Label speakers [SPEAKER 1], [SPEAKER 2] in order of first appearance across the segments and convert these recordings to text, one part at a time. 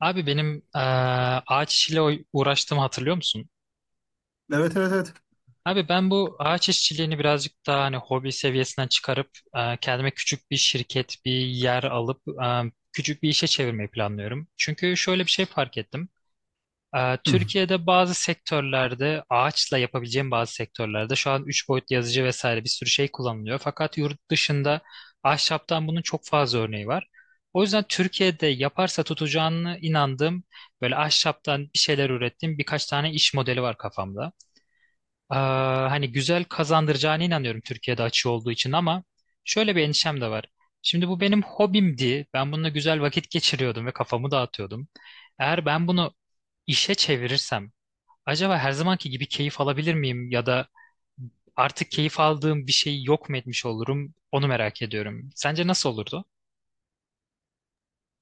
[SPEAKER 1] Abi benim ağaç işiyle uğraştığımı hatırlıyor musun?
[SPEAKER 2] Evet evet evet.
[SPEAKER 1] Abi ben bu ağaç işçiliğini birazcık daha hani hobi seviyesinden çıkarıp kendime küçük bir şirket, bir yer alıp küçük bir işe çevirmeyi planlıyorum. Çünkü şöyle bir şey fark ettim.
[SPEAKER 2] Hı.
[SPEAKER 1] Türkiye'de bazı sektörlerde ağaçla yapabileceğim bazı sektörlerde şu an 3 boyutlu yazıcı vesaire bir sürü şey kullanılıyor. Fakat yurt dışında ahşaptan bunun çok fazla örneği var. O yüzden Türkiye'de yaparsa tutacağını inandığım böyle ahşaptan bir şeyler ürettiğim birkaç tane iş modeli var kafamda. Hani güzel kazandıracağına inanıyorum Türkiye'de açığı olduğu için ama şöyle bir endişem de var. Şimdi bu benim hobimdi. Ben bununla güzel vakit geçiriyordum ve kafamı dağıtıyordum. Eğer ben bunu işe çevirirsem acaba her zamanki gibi keyif alabilir miyim ya da artık keyif aldığım bir şey yok mu etmiş olurum? Onu merak ediyorum. Sence nasıl olurdu?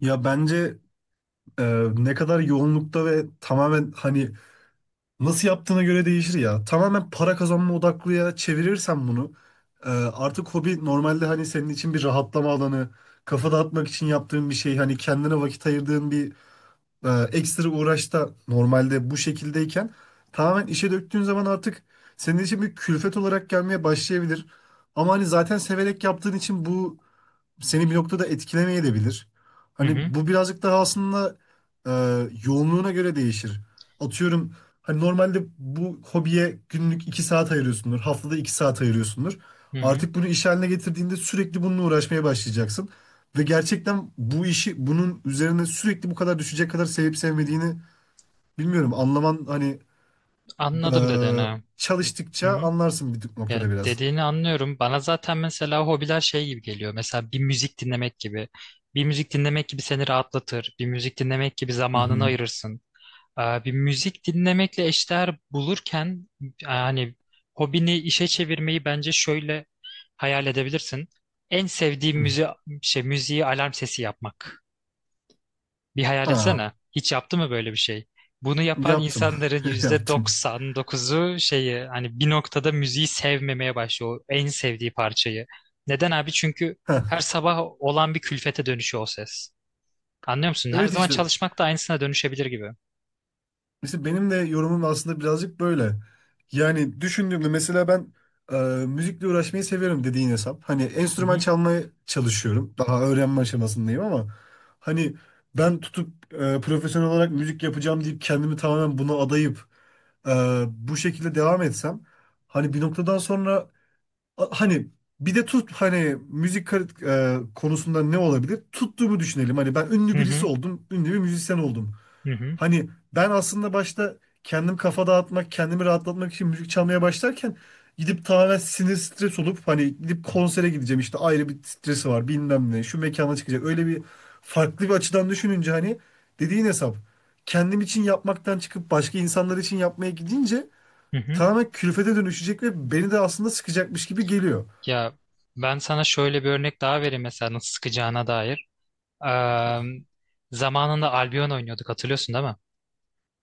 [SPEAKER 2] Ya bence ne kadar yoğunlukta ve tamamen hani nasıl yaptığına göre değişir ya. Tamamen para kazanma odaklıya çevirirsen bunu artık hobi normalde hani senin için bir rahatlama alanı, kafa dağıtmak için yaptığın bir şey, hani kendine vakit ayırdığın bir ekstra uğraşta normalde bu şekildeyken tamamen işe döktüğün zaman artık senin için bir külfet olarak gelmeye başlayabilir. Ama hani zaten severek yaptığın için bu seni bir noktada etkilemeye de.
[SPEAKER 1] Hı
[SPEAKER 2] Hani
[SPEAKER 1] hı,
[SPEAKER 2] bu birazcık daha aslında e, yoğunluğuna göre değişir. Atıyorum hani normalde bu hobiye günlük 2 saat ayırıyorsundur. Haftada 2 saat ayırıyorsundur.
[SPEAKER 1] hı hı.
[SPEAKER 2] Artık bunu iş haline getirdiğinde sürekli bununla uğraşmaya başlayacaksın. Ve gerçekten bu işi bunun üzerine sürekli bu kadar düşecek kadar sevip sevmediğini bilmiyorum. Anlaman hani e,
[SPEAKER 1] Anladım dedin ha. Hı
[SPEAKER 2] çalıştıkça
[SPEAKER 1] hı.
[SPEAKER 2] anlarsın bir
[SPEAKER 1] Ya,
[SPEAKER 2] noktada biraz.
[SPEAKER 1] dediğini anlıyorum. Bana zaten mesela hobiler şey gibi geliyor. Mesela bir müzik dinlemek gibi. Bir müzik dinlemek gibi seni rahatlatır. Bir müzik dinlemek gibi
[SPEAKER 2] Hı
[SPEAKER 1] zamanını
[SPEAKER 2] hı.
[SPEAKER 1] ayırırsın. Bir müzik dinlemekle eşdeğer bulurken hani hobini işe çevirmeyi bence şöyle hayal edebilirsin. En sevdiğim müziği alarm sesi yapmak. Bir hayal
[SPEAKER 2] Ha,
[SPEAKER 1] etsene. Hiç yaptı mı böyle bir şey? Bunu yapan
[SPEAKER 2] yaptım.
[SPEAKER 1] insanların yüzde
[SPEAKER 2] Yaptım.
[SPEAKER 1] doksan dokuzu hani bir noktada müziği sevmemeye başlıyor. O en sevdiği parçayı. Neden abi? Çünkü her sabah olan bir külfete dönüşüyor o ses. Anlıyor musun? Her
[SPEAKER 2] Evet
[SPEAKER 1] zaman
[SPEAKER 2] işte.
[SPEAKER 1] çalışmak da aynısına dönüşebilir gibi.
[SPEAKER 2] Mesela benim de yorumum aslında birazcık böyle. Yani düşündüğümde mesela ben e, müzikle uğraşmayı severim dediğin hesap. Hani
[SPEAKER 1] Hı
[SPEAKER 2] enstrüman
[SPEAKER 1] hı.
[SPEAKER 2] çalmaya çalışıyorum. Daha öğrenme aşamasındayım ama hani ben tutup profesyonel olarak müzik yapacağım deyip kendimi tamamen buna adayıp bu şekilde devam etsem hani bir noktadan sonra hani bir de tut hani konusunda ne olabilir? Tuttuğumu düşünelim. Hani ben ünlü
[SPEAKER 1] Hı
[SPEAKER 2] birisi
[SPEAKER 1] hı.
[SPEAKER 2] oldum, ünlü bir müzisyen oldum.
[SPEAKER 1] Hı hı.
[SPEAKER 2] Hani ben aslında başta kendim kafa dağıtmak, kendimi rahatlatmak için müzik çalmaya başlarken gidip tamamen sinir stres olup hani gidip konsere gideceğim işte ayrı bir stresi var bilmem ne şu mekana çıkacak öyle bir farklı bir açıdan düşününce hani dediğin hesap kendim için yapmaktan çıkıp başka insanlar için yapmaya gidince
[SPEAKER 1] Hı hı.
[SPEAKER 2] tamamen külfete dönüşecek ve beni de aslında sıkacakmış gibi geliyor.
[SPEAKER 1] Ya, ben sana şöyle bir örnek daha vereyim mesela nasıl sıkacağına dair. Eee, zamanında Albion oynuyorduk, hatırlıyorsun değil mi?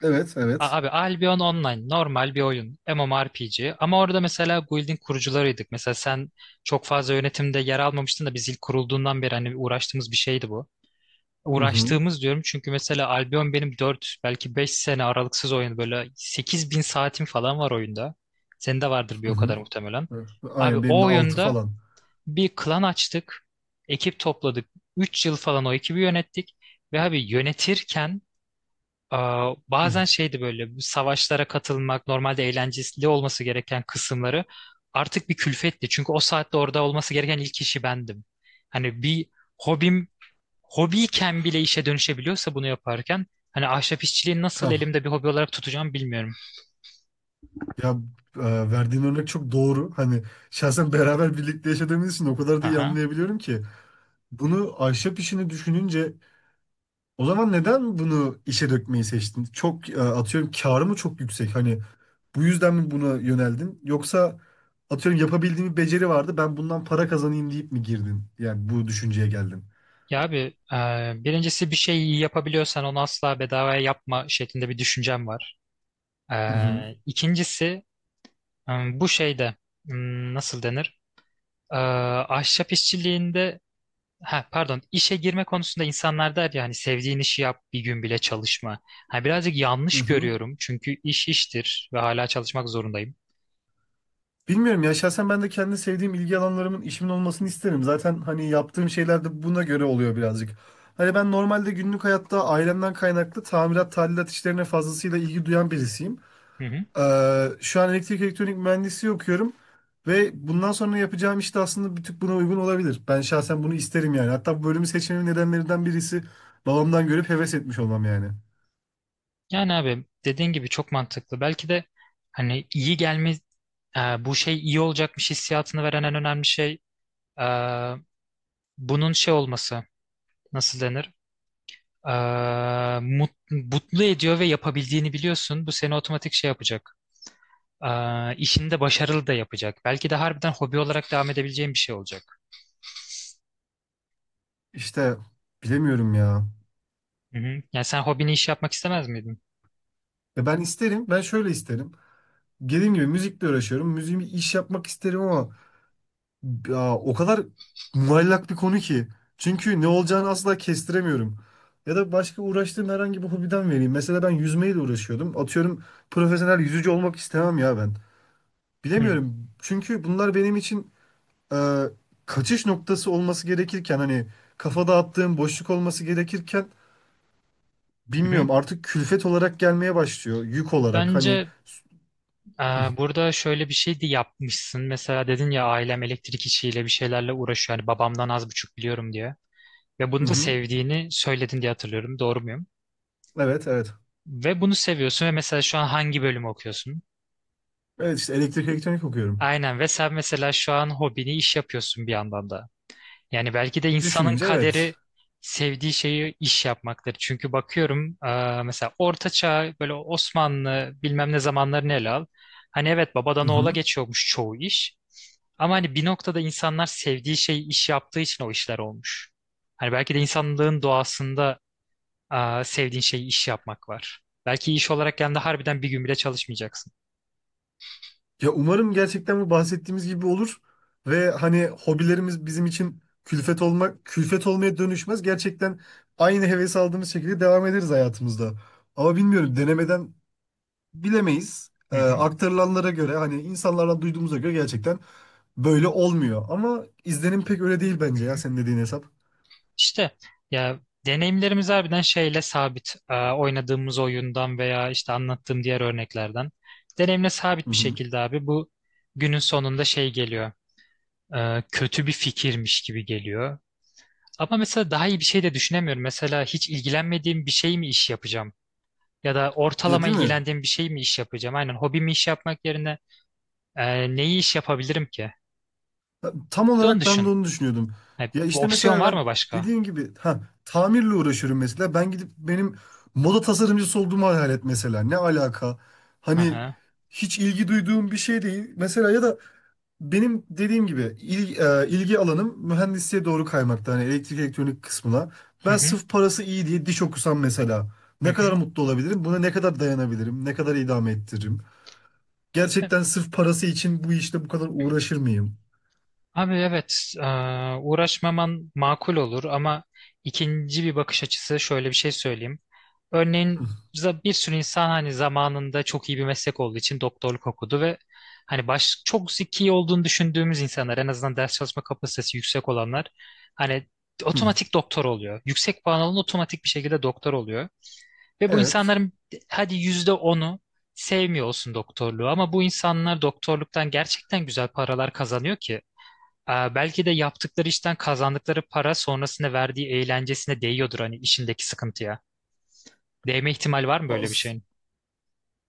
[SPEAKER 2] Evet, evet.
[SPEAKER 1] Abi, Albion Online normal bir oyun. MMORPG ama orada mesela guild'in kurucularıydık. Mesela sen çok fazla yönetimde yer almamıştın da biz ilk kurulduğundan beri hani uğraştığımız bir şeydi bu.
[SPEAKER 2] Hı hı,
[SPEAKER 1] Uğraştığımız diyorum çünkü mesela Albion benim 4 belki 5 sene aralıksız oyun böyle 8.000 saatim falan var oyunda. Senin de vardır bir
[SPEAKER 2] hı
[SPEAKER 1] o kadar
[SPEAKER 2] hı.
[SPEAKER 1] muhtemelen.
[SPEAKER 2] Evet,
[SPEAKER 1] Abi,
[SPEAKER 2] aynen benim
[SPEAKER 1] o
[SPEAKER 2] de 6
[SPEAKER 1] oyunda
[SPEAKER 2] falan.
[SPEAKER 1] bir klan açtık. Ekip topladık. 3 yıl falan o ekibi yönettik. Ve abi yönetirken
[SPEAKER 2] Hı.
[SPEAKER 1] bazen şeydi böyle bu savaşlara katılmak, normalde eğlenceli olması gereken kısımları artık bir külfetti. Çünkü o saatte orada olması gereken ilk kişi bendim. Hani bir hobim hobiyken bile işe dönüşebiliyorsa bunu yaparken hani ahşap işçiliği nasıl
[SPEAKER 2] Hah.
[SPEAKER 1] elimde bir hobi olarak tutacağım bilmiyorum.
[SPEAKER 2] Ya e, verdiğin örnek çok doğru. Hani şahsen beraber birlikte yaşadığımız için o kadar da iyi
[SPEAKER 1] Aha.
[SPEAKER 2] anlayabiliyorum ki. Bunu ahşap işini düşününce o zaman neden bunu işe dökmeyi seçtin? Çok atıyorum karı mı çok yüksek? Hani bu yüzden mi buna yöneldin? Yoksa atıyorum yapabildiğim bir beceri vardı ben bundan para kazanayım deyip mi girdin? Yani bu düşünceye geldin.
[SPEAKER 1] Ya abi, birincisi bir şey yapabiliyorsan onu asla bedavaya yapma şeklinde bir düşüncem var.
[SPEAKER 2] Hı hı.
[SPEAKER 1] İkincisi bu şeyde nasıl denir? Ee, ahşap işçiliğinde ha pardon işe girme konusunda insanlar der ya hani sevdiğin işi yap bir gün bile çalışma. Ha, birazcık
[SPEAKER 2] Hı
[SPEAKER 1] yanlış
[SPEAKER 2] hı.
[SPEAKER 1] görüyorum çünkü iş iştir ve hala çalışmak zorundayım.
[SPEAKER 2] Bilmiyorum ya şahsen ben de kendi sevdiğim ilgi alanlarımın işimin olmasını isterim. Zaten hani yaptığım şeyler de buna göre oluyor birazcık. Hani ben normalde günlük hayatta ailemden kaynaklı tamirat, tadilat işlerine fazlasıyla ilgi duyan birisiyim.
[SPEAKER 1] Hı hı.
[SPEAKER 2] Şu an elektrik elektronik mühendisliği okuyorum ve bundan sonra yapacağım iş de aslında bir tık buna uygun olabilir. Ben şahsen bunu isterim yani. Hatta bu bölümü seçmemin nedenlerinden birisi babamdan görüp heves etmiş olmam yani.
[SPEAKER 1] Yani abi dediğin gibi çok mantıklı. Belki de hani iyi gelme, bu şey iyi olacakmış hissiyatını veren en önemli şey e, bunun şey olması. Nasıl denir? E, mut- mutlu ediyor ve yapabildiğini biliyorsun. Bu seni otomatik şey yapacak. E, işini de başarılı da yapacak. Belki de harbiden hobi olarak devam edebileceğin bir şey olacak.
[SPEAKER 2] İşte bilemiyorum ya.
[SPEAKER 1] Hı hı. Yani sen hobini iş yapmak istemez miydin?
[SPEAKER 2] Ya ben isterim. Ben şöyle isterim. Dediğim gibi müzikle uğraşıyorum. Müziğimi iş yapmak isterim ama ya, o kadar muallak bir konu ki. Çünkü ne olacağını asla kestiremiyorum. Ya da başka uğraştığım herhangi bir hobiden vereyim. Mesela ben yüzmeyle uğraşıyordum. Atıyorum profesyonel yüzücü olmak istemem ya ben.
[SPEAKER 1] Hı
[SPEAKER 2] Bilemiyorum. Çünkü bunlar benim için e, kaçış noktası olması gerekirken hani kafa dağıttığım boşluk olması gerekirken.
[SPEAKER 1] hı.
[SPEAKER 2] Bilmiyorum, artık külfet olarak gelmeye başlıyor. Yük olarak hani.
[SPEAKER 1] Bence, Ee, Burada şöyle bir şey de yapmışsın. Mesela dedin ya ailem elektrik işiyle bir şeylerle uğraşıyor. Yani babamdan az buçuk biliyorum diye. Ve
[SPEAKER 2] Hı
[SPEAKER 1] bunu da
[SPEAKER 2] hı.
[SPEAKER 1] sevdiğini söyledin diye hatırlıyorum. Doğru muyum?
[SPEAKER 2] Evet evet.
[SPEAKER 1] Ve bunu seviyorsun ve mesela şu an hangi bölümü okuyorsun?
[SPEAKER 2] Evet işte elektrik elektronik okuyorum.
[SPEAKER 1] Aynen, ve sen mesela şu an hobini iş yapıyorsun bir yandan da. Yani belki de insanın
[SPEAKER 2] Düşününce evet.
[SPEAKER 1] kaderi sevdiği şeyi iş yapmaktır. Çünkü bakıyorum mesela Orta Çağ böyle Osmanlı bilmem ne zamanlarını ele al. Hani evet babadan
[SPEAKER 2] Hı
[SPEAKER 1] oğula
[SPEAKER 2] hı.
[SPEAKER 1] geçiyormuş çoğu iş. Ama hani bir noktada insanlar sevdiği şeyi iş yaptığı için o işler olmuş. Hani belki de insanlığın doğasında sevdiğin şeyi iş yapmak var. Belki iş olarak yani harbiden bir gün bile çalışmayacaksın.
[SPEAKER 2] Ya umarım gerçekten bu bahsettiğimiz gibi olur ve hani hobilerimiz bizim için külfet olmak külfet olmaya dönüşmez. Gerçekten aynı heves aldığımız şekilde devam ederiz hayatımızda. Ama bilmiyorum denemeden bilemeyiz.
[SPEAKER 1] Hı hı,
[SPEAKER 2] Aktarılanlara göre hani insanlardan duyduğumuza göre gerçekten böyle olmuyor. Ama izlenim pek öyle değil
[SPEAKER 1] hı
[SPEAKER 2] bence ya
[SPEAKER 1] hı.
[SPEAKER 2] senin dediğin hesap.
[SPEAKER 1] İşte, ya deneyimlerimiz harbiden şeyle sabit. Oynadığımız oyundan veya işte anlattığım diğer örneklerden. Deneyimle
[SPEAKER 2] Hı
[SPEAKER 1] sabit bir
[SPEAKER 2] hı.
[SPEAKER 1] şekilde abi bu günün sonunda şey geliyor. Kötü bir fikirmiş gibi geliyor. Ama mesela daha iyi bir şey de düşünemiyorum. Mesela hiç ilgilenmediğim bir şey mi iş yapacağım? Ya da
[SPEAKER 2] Ya
[SPEAKER 1] ortalama
[SPEAKER 2] değil mi?
[SPEAKER 1] ilgilendiğim bir şey mi iş yapacağım? Aynen hobimi iş yapmak yerine neyi iş yapabilirim ki?
[SPEAKER 2] Ha, tam
[SPEAKER 1] Bir de onu
[SPEAKER 2] olarak ben de
[SPEAKER 1] düşün.
[SPEAKER 2] onu düşünüyordum.
[SPEAKER 1] Ha,
[SPEAKER 2] Ya
[SPEAKER 1] bu
[SPEAKER 2] işte
[SPEAKER 1] opsiyon
[SPEAKER 2] mesela
[SPEAKER 1] var
[SPEAKER 2] ben
[SPEAKER 1] mı başka?
[SPEAKER 2] dediğin gibi ha tamirle uğraşıyorum mesela. Ben gidip benim moda tasarımcısı olduğumu hayal et mesela. Ne alaka? Hani
[SPEAKER 1] Aha.
[SPEAKER 2] hiç ilgi duyduğum bir şey değil. Mesela ya da benim dediğim gibi ilgi alanım mühendisliğe doğru kaymakta. Hani elektrik elektronik kısmına.
[SPEAKER 1] Hı
[SPEAKER 2] Ben
[SPEAKER 1] hı.
[SPEAKER 2] sırf parası iyi diye diş okusam mesela.
[SPEAKER 1] Hı
[SPEAKER 2] Ne kadar
[SPEAKER 1] hı.
[SPEAKER 2] mutlu olabilirim? Buna ne kadar dayanabilirim? Ne kadar idame ettiririm? Gerçekten sırf parası için bu işte bu kadar uğraşır mıyım?
[SPEAKER 1] Abi evet, uğraşmaman makul olur ama ikinci bir bakış açısı şöyle bir şey söyleyeyim. Örneğin bir sürü insan hani zamanında çok iyi bir meslek olduğu için doktorluk okudu ve hani çok zeki olduğunu düşündüğümüz insanlar en azından ders çalışma kapasitesi yüksek olanlar hani
[SPEAKER 2] Hı.
[SPEAKER 1] otomatik doktor oluyor. Yüksek puan alan otomatik bir şekilde doktor oluyor. Ve bu
[SPEAKER 2] Evet.
[SPEAKER 1] insanların hadi %10'u sevmiyor olsun doktorluğu ama bu insanlar doktorluktan gerçekten güzel paralar kazanıyor ki. Belki de yaptıkları işten kazandıkları para sonrasında verdiği eğlencesine değiyordur hani işindeki sıkıntıya. Değme ihtimal var mı böyle bir
[SPEAKER 2] As-
[SPEAKER 1] şeyin?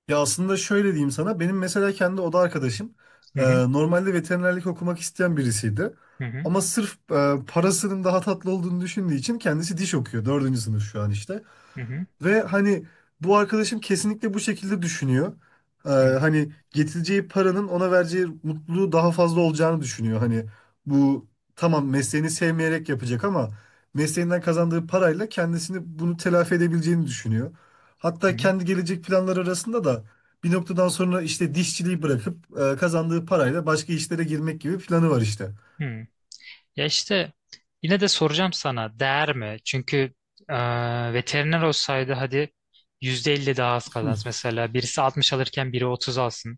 [SPEAKER 2] Ya aslında şöyle diyeyim sana. Benim mesela kendi oda arkadaşım
[SPEAKER 1] Hı
[SPEAKER 2] e,
[SPEAKER 1] hı,
[SPEAKER 2] normalde veterinerlik okumak isteyen birisiydi.
[SPEAKER 1] hı hı,
[SPEAKER 2] Ama sırf parasının daha tatlı olduğunu düşündüğü için kendisi diş okuyor. Dördüncü sınıf şu an işte.
[SPEAKER 1] hı hı,
[SPEAKER 2] Ve hani bu arkadaşım kesinlikle bu şekilde düşünüyor.
[SPEAKER 1] hı hı,
[SPEAKER 2] Hani getireceği paranın ona vereceği mutluluğu daha fazla olacağını düşünüyor. Hani bu tamam mesleğini sevmeyerek yapacak ama mesleğinden kazandığı parayla kendisini bunu telafi edebileceğini düşünüyor. Hatta
[SPEAKER 1] hı
[SPEAKER 2] kendi gelecek planları arasında da bir noktadan sonra işte dişçiliği bırakıp kazandığı parayla başka işlere girmek gibi planı var işte.
[SPEAKER 1] hı, hı. Ya işte yine de soracağım sana değer mi? Çünkü veteriner olsaydı hadi %50 daha az
[SPEAKER 2] Hı
[SPEAKER 1] kazansın. Mesela birisi 60 alırken biri 30 alsın.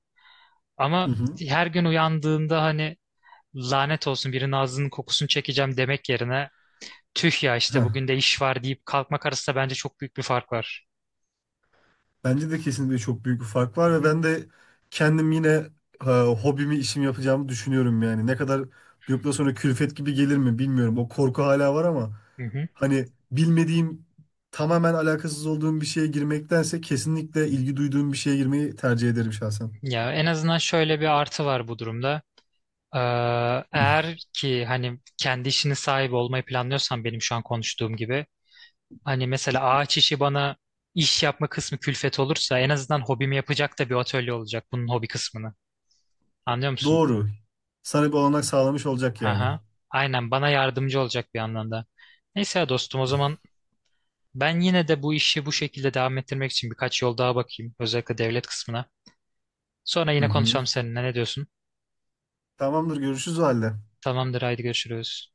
[SPEAKER 1] Ama
[SPEAKER 2] hı.
[SPEAKER 1] her gün uyandığında hani lanet olsun birinin ağzının kokusunu çekeceğim demek yerine tüh ya işte
[SPEAKER 2] Heh.
[SPEAKER 1] bugün de iş var deyip kalkmak arasında bence çok büyük bir fark var.
[SPEAKER 2] Bence de kesinlikle çok büyük bir fark var
[SPEAKER 1] Hı
[SPEAKER 2] ve
[SPEAKER 1] hı,
[SPEAKER 2] ben de kendim yine e, hobimi işim yapacağımı düşünüyorum yani. Ne kadar bir noktadan sonra külfet gibi gelir mi bilmiyorum. O korku hala var ama
[SPEAKER 1] hı hı.
[SPEAKER 2] hani bilmediğim tamamen alakasız olduğum bir şeye girmektense kesinlikle ilgi duyduğum bir şeye girmeyi tercih ederim şahsen.
[SPEAKER 1] Ya en azından şöyle bir artı var bu durumda. Ee,
[SPEAKER 2] Hı.
[SPEAKER 1] eğer ki hani kendi işinin sahibi olmayı planlıyorsan benim şu an konuştuğum gibi hani mesela ağaç işi bana iş yapma kısmı külfet olursa en azından hobimi yapacak da bir atölye olacak bunun hobi kısmını. Anlıyor musun?
[SPEAKER 2] Doğru. Sana bir olanak sağlamış olacak yani.
[SPEAKER 1] Aha. Aynen bana yardımcı olacak bir anlamda. Neyse ya dostum o zaman ben yine de bu işi bu şekilde devam ettirmek için birkaç yol daha bakayım. Özellikle devlet kısmına. Sonra
[SPEAKER 2] Hı
[SPEAKER 1] yine
[SPEAKER 2] hı.
[SPEAKER 1] konuşalım seninle. Ne diyorsun?
[SPEAKER 2] Tamamdır görüşürüz o halde.
[SPEAKER 1] Tamamdır, haydi görüşürüz.